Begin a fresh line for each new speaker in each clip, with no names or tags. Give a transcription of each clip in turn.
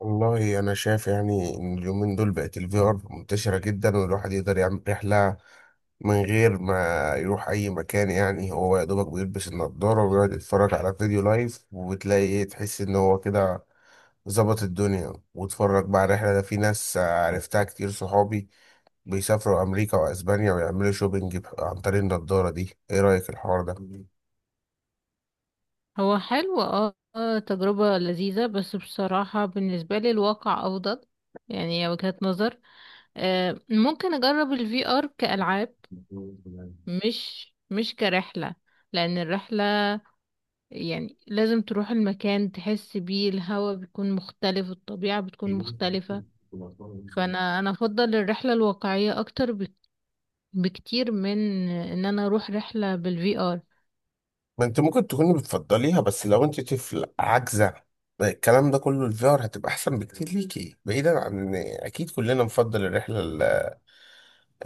والله انا شايف يعني ان اليومين دول بقت الفي ار منتشره جدا، والواحد يقدر يعمل رحله من غير ما يروح اي مكان. يعني هو يا دوبك بيلبس النضاره ويقعد يتفرج على فيديو لايف، وتلاقي ايه، تحس ان هو كده ظبط الدنيا واتفرج بقى على الرحله. ده في ناس عرفتها كتير، صحابي بيسافروا امريكا واسبانيا ويعملوا شوبينج عن طريق النضاره دي. ايه رايك الحوار ده؟
هو حلو تجربة لذيذة، بس بصراحة بالنسبة لي الواقع أفضل. يعني هي وجهة نظر. ممكن أجرب الفي ار كألعاب، مش كرحلة. لأن الرحلة يعني لازم تروح المكان تحس بيه، الهوا بيكون مختلف، الطبيعة بتكون مختلفة. فأنا أفضل الرحلة الواقعية أكتر بكتير من إن أنا أروح رحلة بالفي ار.
ما انت ممكن تكوني بتفضليها، بس لو انت طفل عاجزة الكلام ده كله، الفي ار هتبقى احسن بكتير ليكي، بعيدا عن ان اكيد كلنا نفضل الرحلة ال-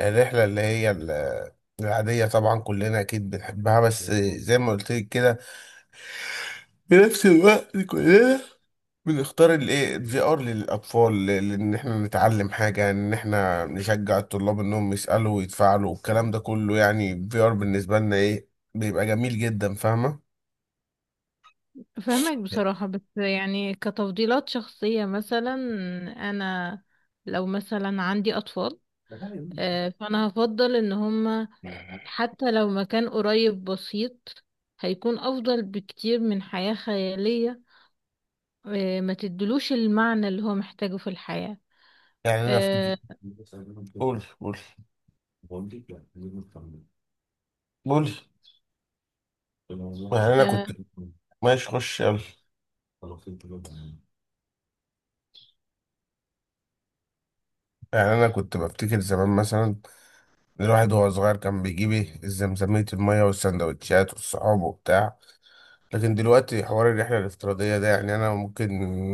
الرحلة اللي هي ال- العادية. طبعا كلنا اكيد بنحبها، بس زي ما قلت لك كده في نفس الوقت كلنا بنختار الايه الفي ار للاطفال، لان احنا نتعلم حاجة، ان احنا نشجع الطلاب انهم يسألوا ويتفاعلوا والكلام ده كله. يعني الفي ار بالنسبة لنا ايه، بيبقى جميل جدا، فاهمة؟
فهمك بصراحة، بس يعني كتفضيلات شخصية. مثلا أنا لو مثلا عندي أطفال، فأنا هفضل إن هما حتى لو مكان قريب بسيط هيكون أفضل بكتير من حياة خيالية. ما تدلوش المعنى اللي هو محتاجه في الحياة.
يعني انا في
اه.
قول قول قول. يعني انا
آه،
كنت، ماشي خش يلا. يعني انا كنت بفتكر زمان، مثلا الواحد وهو صغير كان بيجيب ايه الزمزمية، المية والسندوتشات والصحاب وبتاع. لكن دلوقتي حوار الرحلة الافتراضية ده، يعني انا ممكن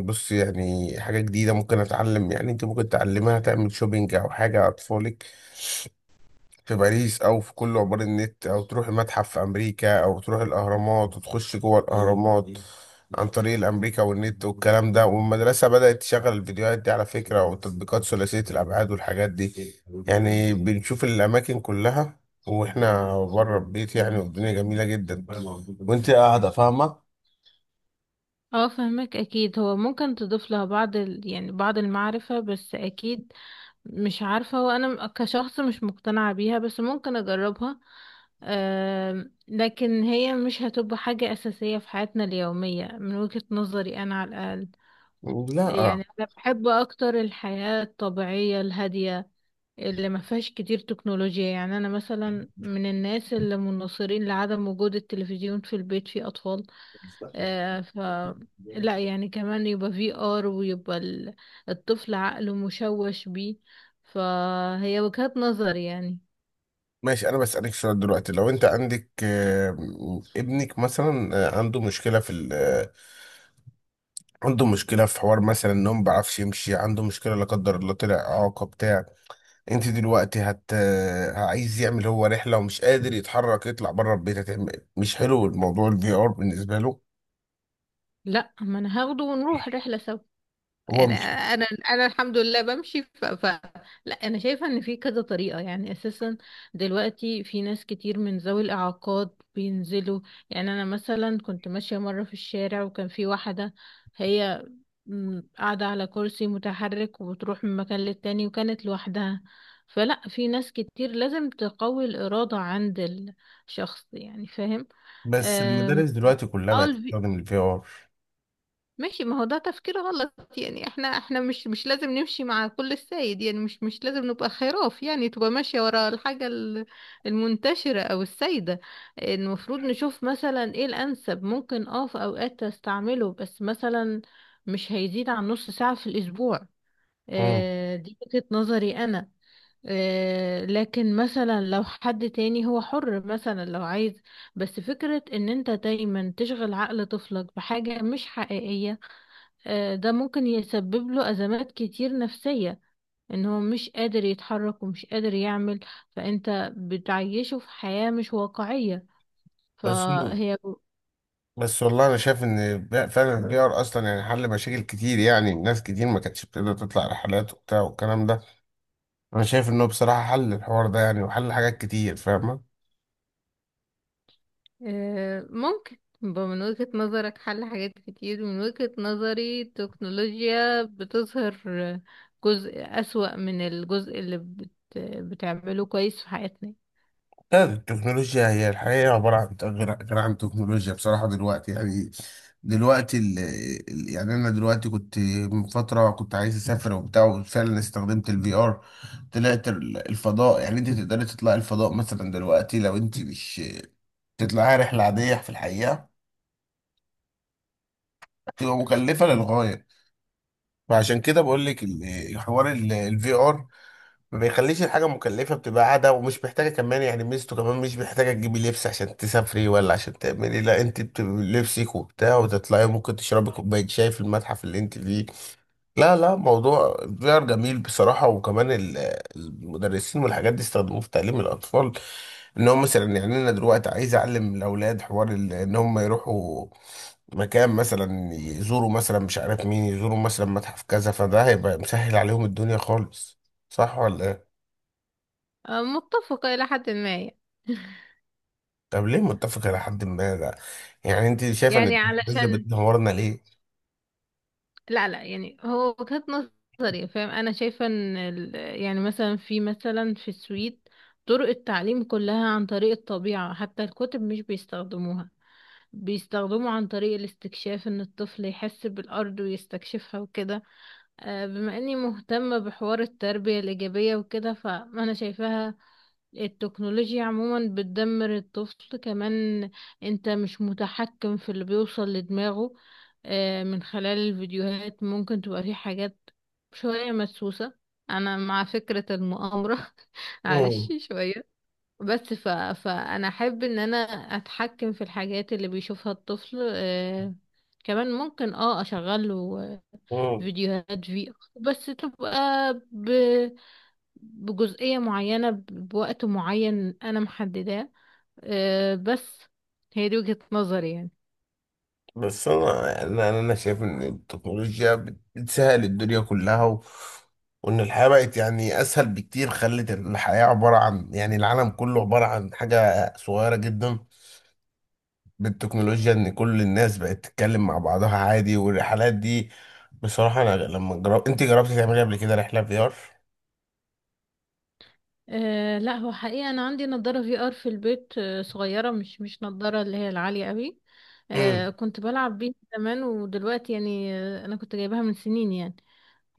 بص يعني حاجة جديدة ممكن اتعلم. يعني انت ممكن تعلمها، تعمل شوبينج او حاجة، اطفالك في باريس، او في كل عبار النت، او تروح المتحف في امريكا، او تروح الاهرامات وتخش جوه الاهرامات عن طريق الامريكا والنت والكلام ده. والمدرسه بدات تشغل الفيديوهات دي على فكره، وتطبيقات ثلاثيه الابعاد والحاجات دي. يعني بنشوف الاماكن كلها واحنا بره البيت، يعني والدنيا جميله جدا وانت قاعده، فاهمه؟
فهمك. أكيد هو ممكن تضيف لها بعض يعني بعض المعرفة، بس أكيد مش عارفة، هو أنا كشخص مش مقتنعة بيها، بس ممكن أجربها. لكن هي مش هتبقى حاجة أساسية في حياتنا اليومية من وجهة نظري أنا على الأقل.
لا، آه.
يعني أنا بحب أكتر الحياة الطبيعية الهادية اللي ما فيهاش كتير تكنولوجيا. يعني أنا مثلا من الناس اللي مناصرين لعدم وجود التلفزيون في البيت في أطفال. آه، ف لا يعني كمان يبقى في ار ويبقى الطفل عقله مشوش بيه. فهي وجهات نظر يعني.
ماشي، انا بسالك سؤال دلوقتي. لو انت عندك ابنك مثلا، عنده مشكله في عنده مشكله في حوار، مثلا ان هو ما بيعرفش يمشي، عنده مشكله لا قدر الله طلع اعاقه بتاع. انت دلوقتي عايز يعمل هو رحله ومش قادر يتحرك يطلع بره البيت، هتعمل مش حلو الموضوع الفي ار بالنسبه له؟
لا، ما انا هاخده ونروح رحلة سوا.
هو
يعني
مش،
انا الحمد لله بمشي لا انا شايفه ان في كذا طريقه يعني اساسا. دلوقتي في ناس كتير من ذوي الاعاقات بينزلوا. يعني انا مثلا كنت ماشيه مره في الشارع، وكان في واحده هي قاعده على كرسي متحرك، وبتروح من مكان للتاني وكانت لوحدها. فلا، في ناس كتير لازم تقوي الاراده عند الشخص، يعني فاهم.
بس
أم،
المدارس دلوقتي كلها
اه،
بقت تستخدم الفي ار.
ماشي. ما هو ده تفكير غلط، يعني احنا مش لازم نمشي مع كل السيد، يعني مش لازم نبقى خراف يعني، تبقى ماشية ورا الحاجة المنتشرة او السيدة. المفروض نشوف مثلا ايه الانسب، ممكن اه في اوقات استعمله بس مثلا مش هيزيد عن نص ساعة في الاسبوع.
امم
آه دي وجهة نظري انا. آه لكن مثلا لو حد تاني هو حر، مثلا لو عايز. بس فكرة ان انت دايما تشغل عقل طفلك بحاجة مش حقيقية، ده ممكن يسبب له أزمات كتير نفسية. ان هو مش قادر يتحرك ومش قادر يعمل، فانت بتعيشه في حياة مش واقعية.
بس
فهي
بس والله انا شايف ان فعلا الفي ار اصلا يعني حل مشاكل كتير، يعني ناس كتير ما كانتش بتقدر تطلع رحلات وبتاع والكلام ده. انا شايف انه بصراحه حل الحوار ده، يعني وحل حاجات كتير، فاهمه؟
ممكن يبقى من وجهة نظرك حل حاجات كتير، من وجهة نظري التكنولوجيا بتظهر جزء أسوأ من الجزء اللي بتعمله كويس في حياتنا.
لا، التكنولوجيا هي الحقيقة عبارة عن غير عن تكنولوجيا بصراحة دلوقتي. يعني دلوقتي يعني أنا دلوقتي كنت من فترة، كنت عايز أسافر وبتاع وفعلا استخدمت الفي آر. طلعت الفضاء. يعني أنت تقدري تطلعي الفضاء مثلا دلوقتي، لو أنت مش تطلعي رحلة عادية في الحقيقة تبقى مكلفة للغاية. فعشان كده بقول لك حوار الفي آر ما بيخليش الحاجة مكلفة، بتبقى قاعدة ومش محتاجة كمان. يعني ميزته كمان مش محتاجة تجيبي لبس عشان تسافري ولا عشان تعملي، لا انت بتبقي لبسك وبتاع وتطلعي، ممكن تشربي كوباية شاي في المتحف اللي انت فيه. لا لا، موضوع VR جميل بصراحة. وكمان المدرسين والحاجات دي استخدموه في تعليم الأطفال، ان هم مثلا، يعني انا دلوقتي عايز اعلم الاولاد حوار ان هم يروحوا مكان، مثلا يزوروا مثلا مش عارف مين، يزوروا مثلا متحف كذا، فده هيبقى مسهل عليهم الدنيا خالص، صح ولا؟
متفقة إلى حد ما يعني.
طب ليه متفق إلى حد ما ده؟ يعني أنت شايفة إن
يعني
التكنولوجيا
علشان
بتدمرنا ليه؟
لا لا، يعني هو وجهة نظري فاهم. انا شايفة ان يعني مثلا في، مثلا في السويد طرق التعليم كلها عن طريق الطبيعة، حتى الكتب مش بيستخدموها، بيستخدموا عن طريق الاستكشاف، ان الطفل يحس بالارض ويستكشفها وكده. بما اني مهتمة بحوار التربية الإيجابية وكده فأنا شايفاها التكنولوجيا عموما بتدمر الطفل. كمان انت مش متحكم في اللي بيوصل لدماغه من خلال الفيديوهات، ممكن تبقى في حاجات شوية مدسوسة. انا مع فكرة المؤامرة معلش
مم.
شوية. بس فانا احب ان انا اتحكم في الحاجات اللي بيشوفها الطفل. كمان ممكن اه اشغله
مم.
فيديوهات في بس تبقى ب... بجزئية معينة، بوقت معين أنا محدداه. أه بس هي دي وجهة نظري يعني.
بس أنا، يعني أنا شايف إن التكنولوجيا بتسهل الدنيا كلها، و... وإن الحياة بقت يعني أسهل بكتير، خلت الحياة عبارة عن، يعني العالم كله عبارة عن حاجة صغيرة جدا بالتكنولوجيا، إن كل الناس بقت تتكلم مع بعضها عادي، والرحلات دي بصراحة. أنا لما جرب، أنت جربتي تعملي قبل كده رحلة في آر؟
أه لا، هو حقيقة أنا عندي نضارة في آر في البيت، أه صغيرة، مش نضارة اللي هي العالية قوي.
امم
أه كنت بلعب بيها زمان، ودلوقتي يعني أنا كنت جايبها من سنين يعني.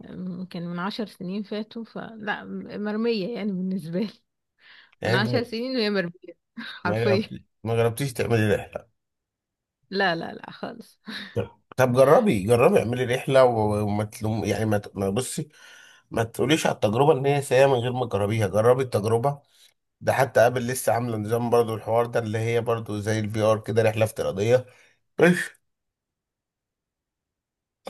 ممكن من 10 سنين فاتوا، فلا مرمية يعني بالنسبة لي. من
يعني أنت،
عشر سنين وهي مرمية حرفيا.
ما جربتيش تعملي رحلة؟
لا لا لا خالص.
طب جربي جربي اعملي رحلة، وما تلوم، يعني ما بصي، ما تقوليش على التجربة ان هي سيئة من غير ما تجربيها، جربي التجربة. ده حتى قابل لسه عاملة نظام برضو الحوار ده، اللي هي برضو زي الفي ار كده، رحلة افتراضية.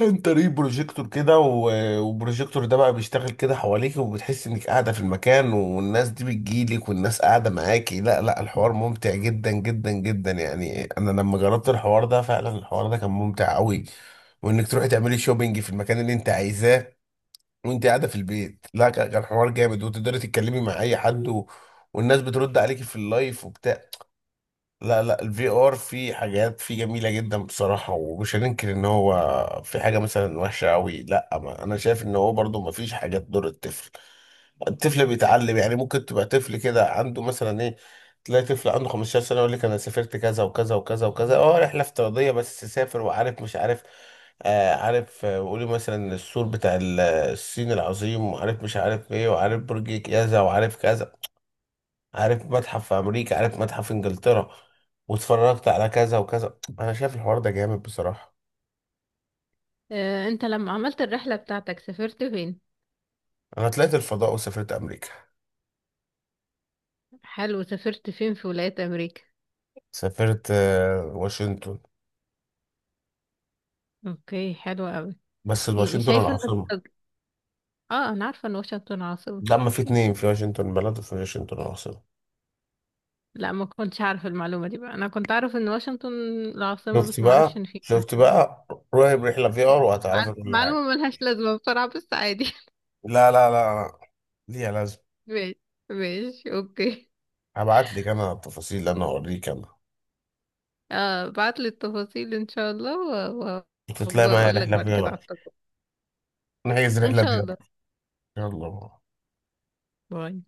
انت ليه بروجيكتور كده، والبروجيكتور ده بقى بيشتغل كده حواليك وبتحس انك قاعده في المكان، والناس دي بتجيلك والناس قاعده معاكي. لا لا، الحوار ممتع جدا جدا جدا، يعني انا لما جربت الحوار ده فعلا الحوار ده كان ممتع قوي، وانك تروحي تعملي شوبينج في المكان اللي انت عايزاه وانت قاعده في البيت. لا، كان حوار جامد، وتقدري تتكلمي مع اي حد، و... والناس بترد عليكي في اللايف وبتاع. لا لا، الفي ار فيه حاجات فيه جميله جدا بصراحه، ومش هننكر ان هو في حاجه مثلا وحشه قوي. لا، ما انا شايف ان هو برضو ما فيش حاجه تضر الطفل. الطفل بيتعلم، يعني ممكن تبقى طفل كده عنده مثلا ايه، تلاقي طفل عنده 15 سنه يقول لك انا سافرت كذا وكذا وكذا وكذا. اه، رحله افتراضيه بس سافر وعارف مش عارف. آه عارف. وقولي مثلا السور بتاع الصين العظيم، وعارف مش عارف ايه، وعارف برج كذا، وعارف كذا، عارف متحف في امريكا، عارف متحف في انجلترا، واتفرجت على كذا وكذا. انا شايف الحوار ده جامد بصراحة.
انت لما عملت الرحلة بتاعتك سافرت فين؟
انا طلعت الفضاء وسافرت امريكا.
حلو، سافرت فين في ولايات امريكا؟
سافرت واشنطن.
اوكي، حلو قوي.
بس
يعني
واشنطن
شايفة ان
العاصمة.
اه انا عارفة ان واشنطن عاصمة.
ده ما في اتنين، في واشنطن بلد وفي واشنطن العاصمة.
لا ما كنتش عارفة المعلومة دي بقى، انا كنت اعرف ان واشنطن العاصمة
شفت
بس ما اعرفش
بقى
ان في
شفت بقى، روحي برحلة في ار وهتعرفي كل
معلومة
حاجة.
ملهاش لازمة بصراحة، بس عادي
لا لا لا لا، ليها لازم.
ماشي، ماشي اوكي.
هبعت لك انا التفاصيل، انا اوريك انا.
اه، بعت لي التفاصيل ان شاء الله،
تطلعي معايا
وبقول لك
رحلة في
بعد كده على
ار.
التجربة
نحجز
ان
رحلة
شاء
في ار.
الله.
يلا.
باي.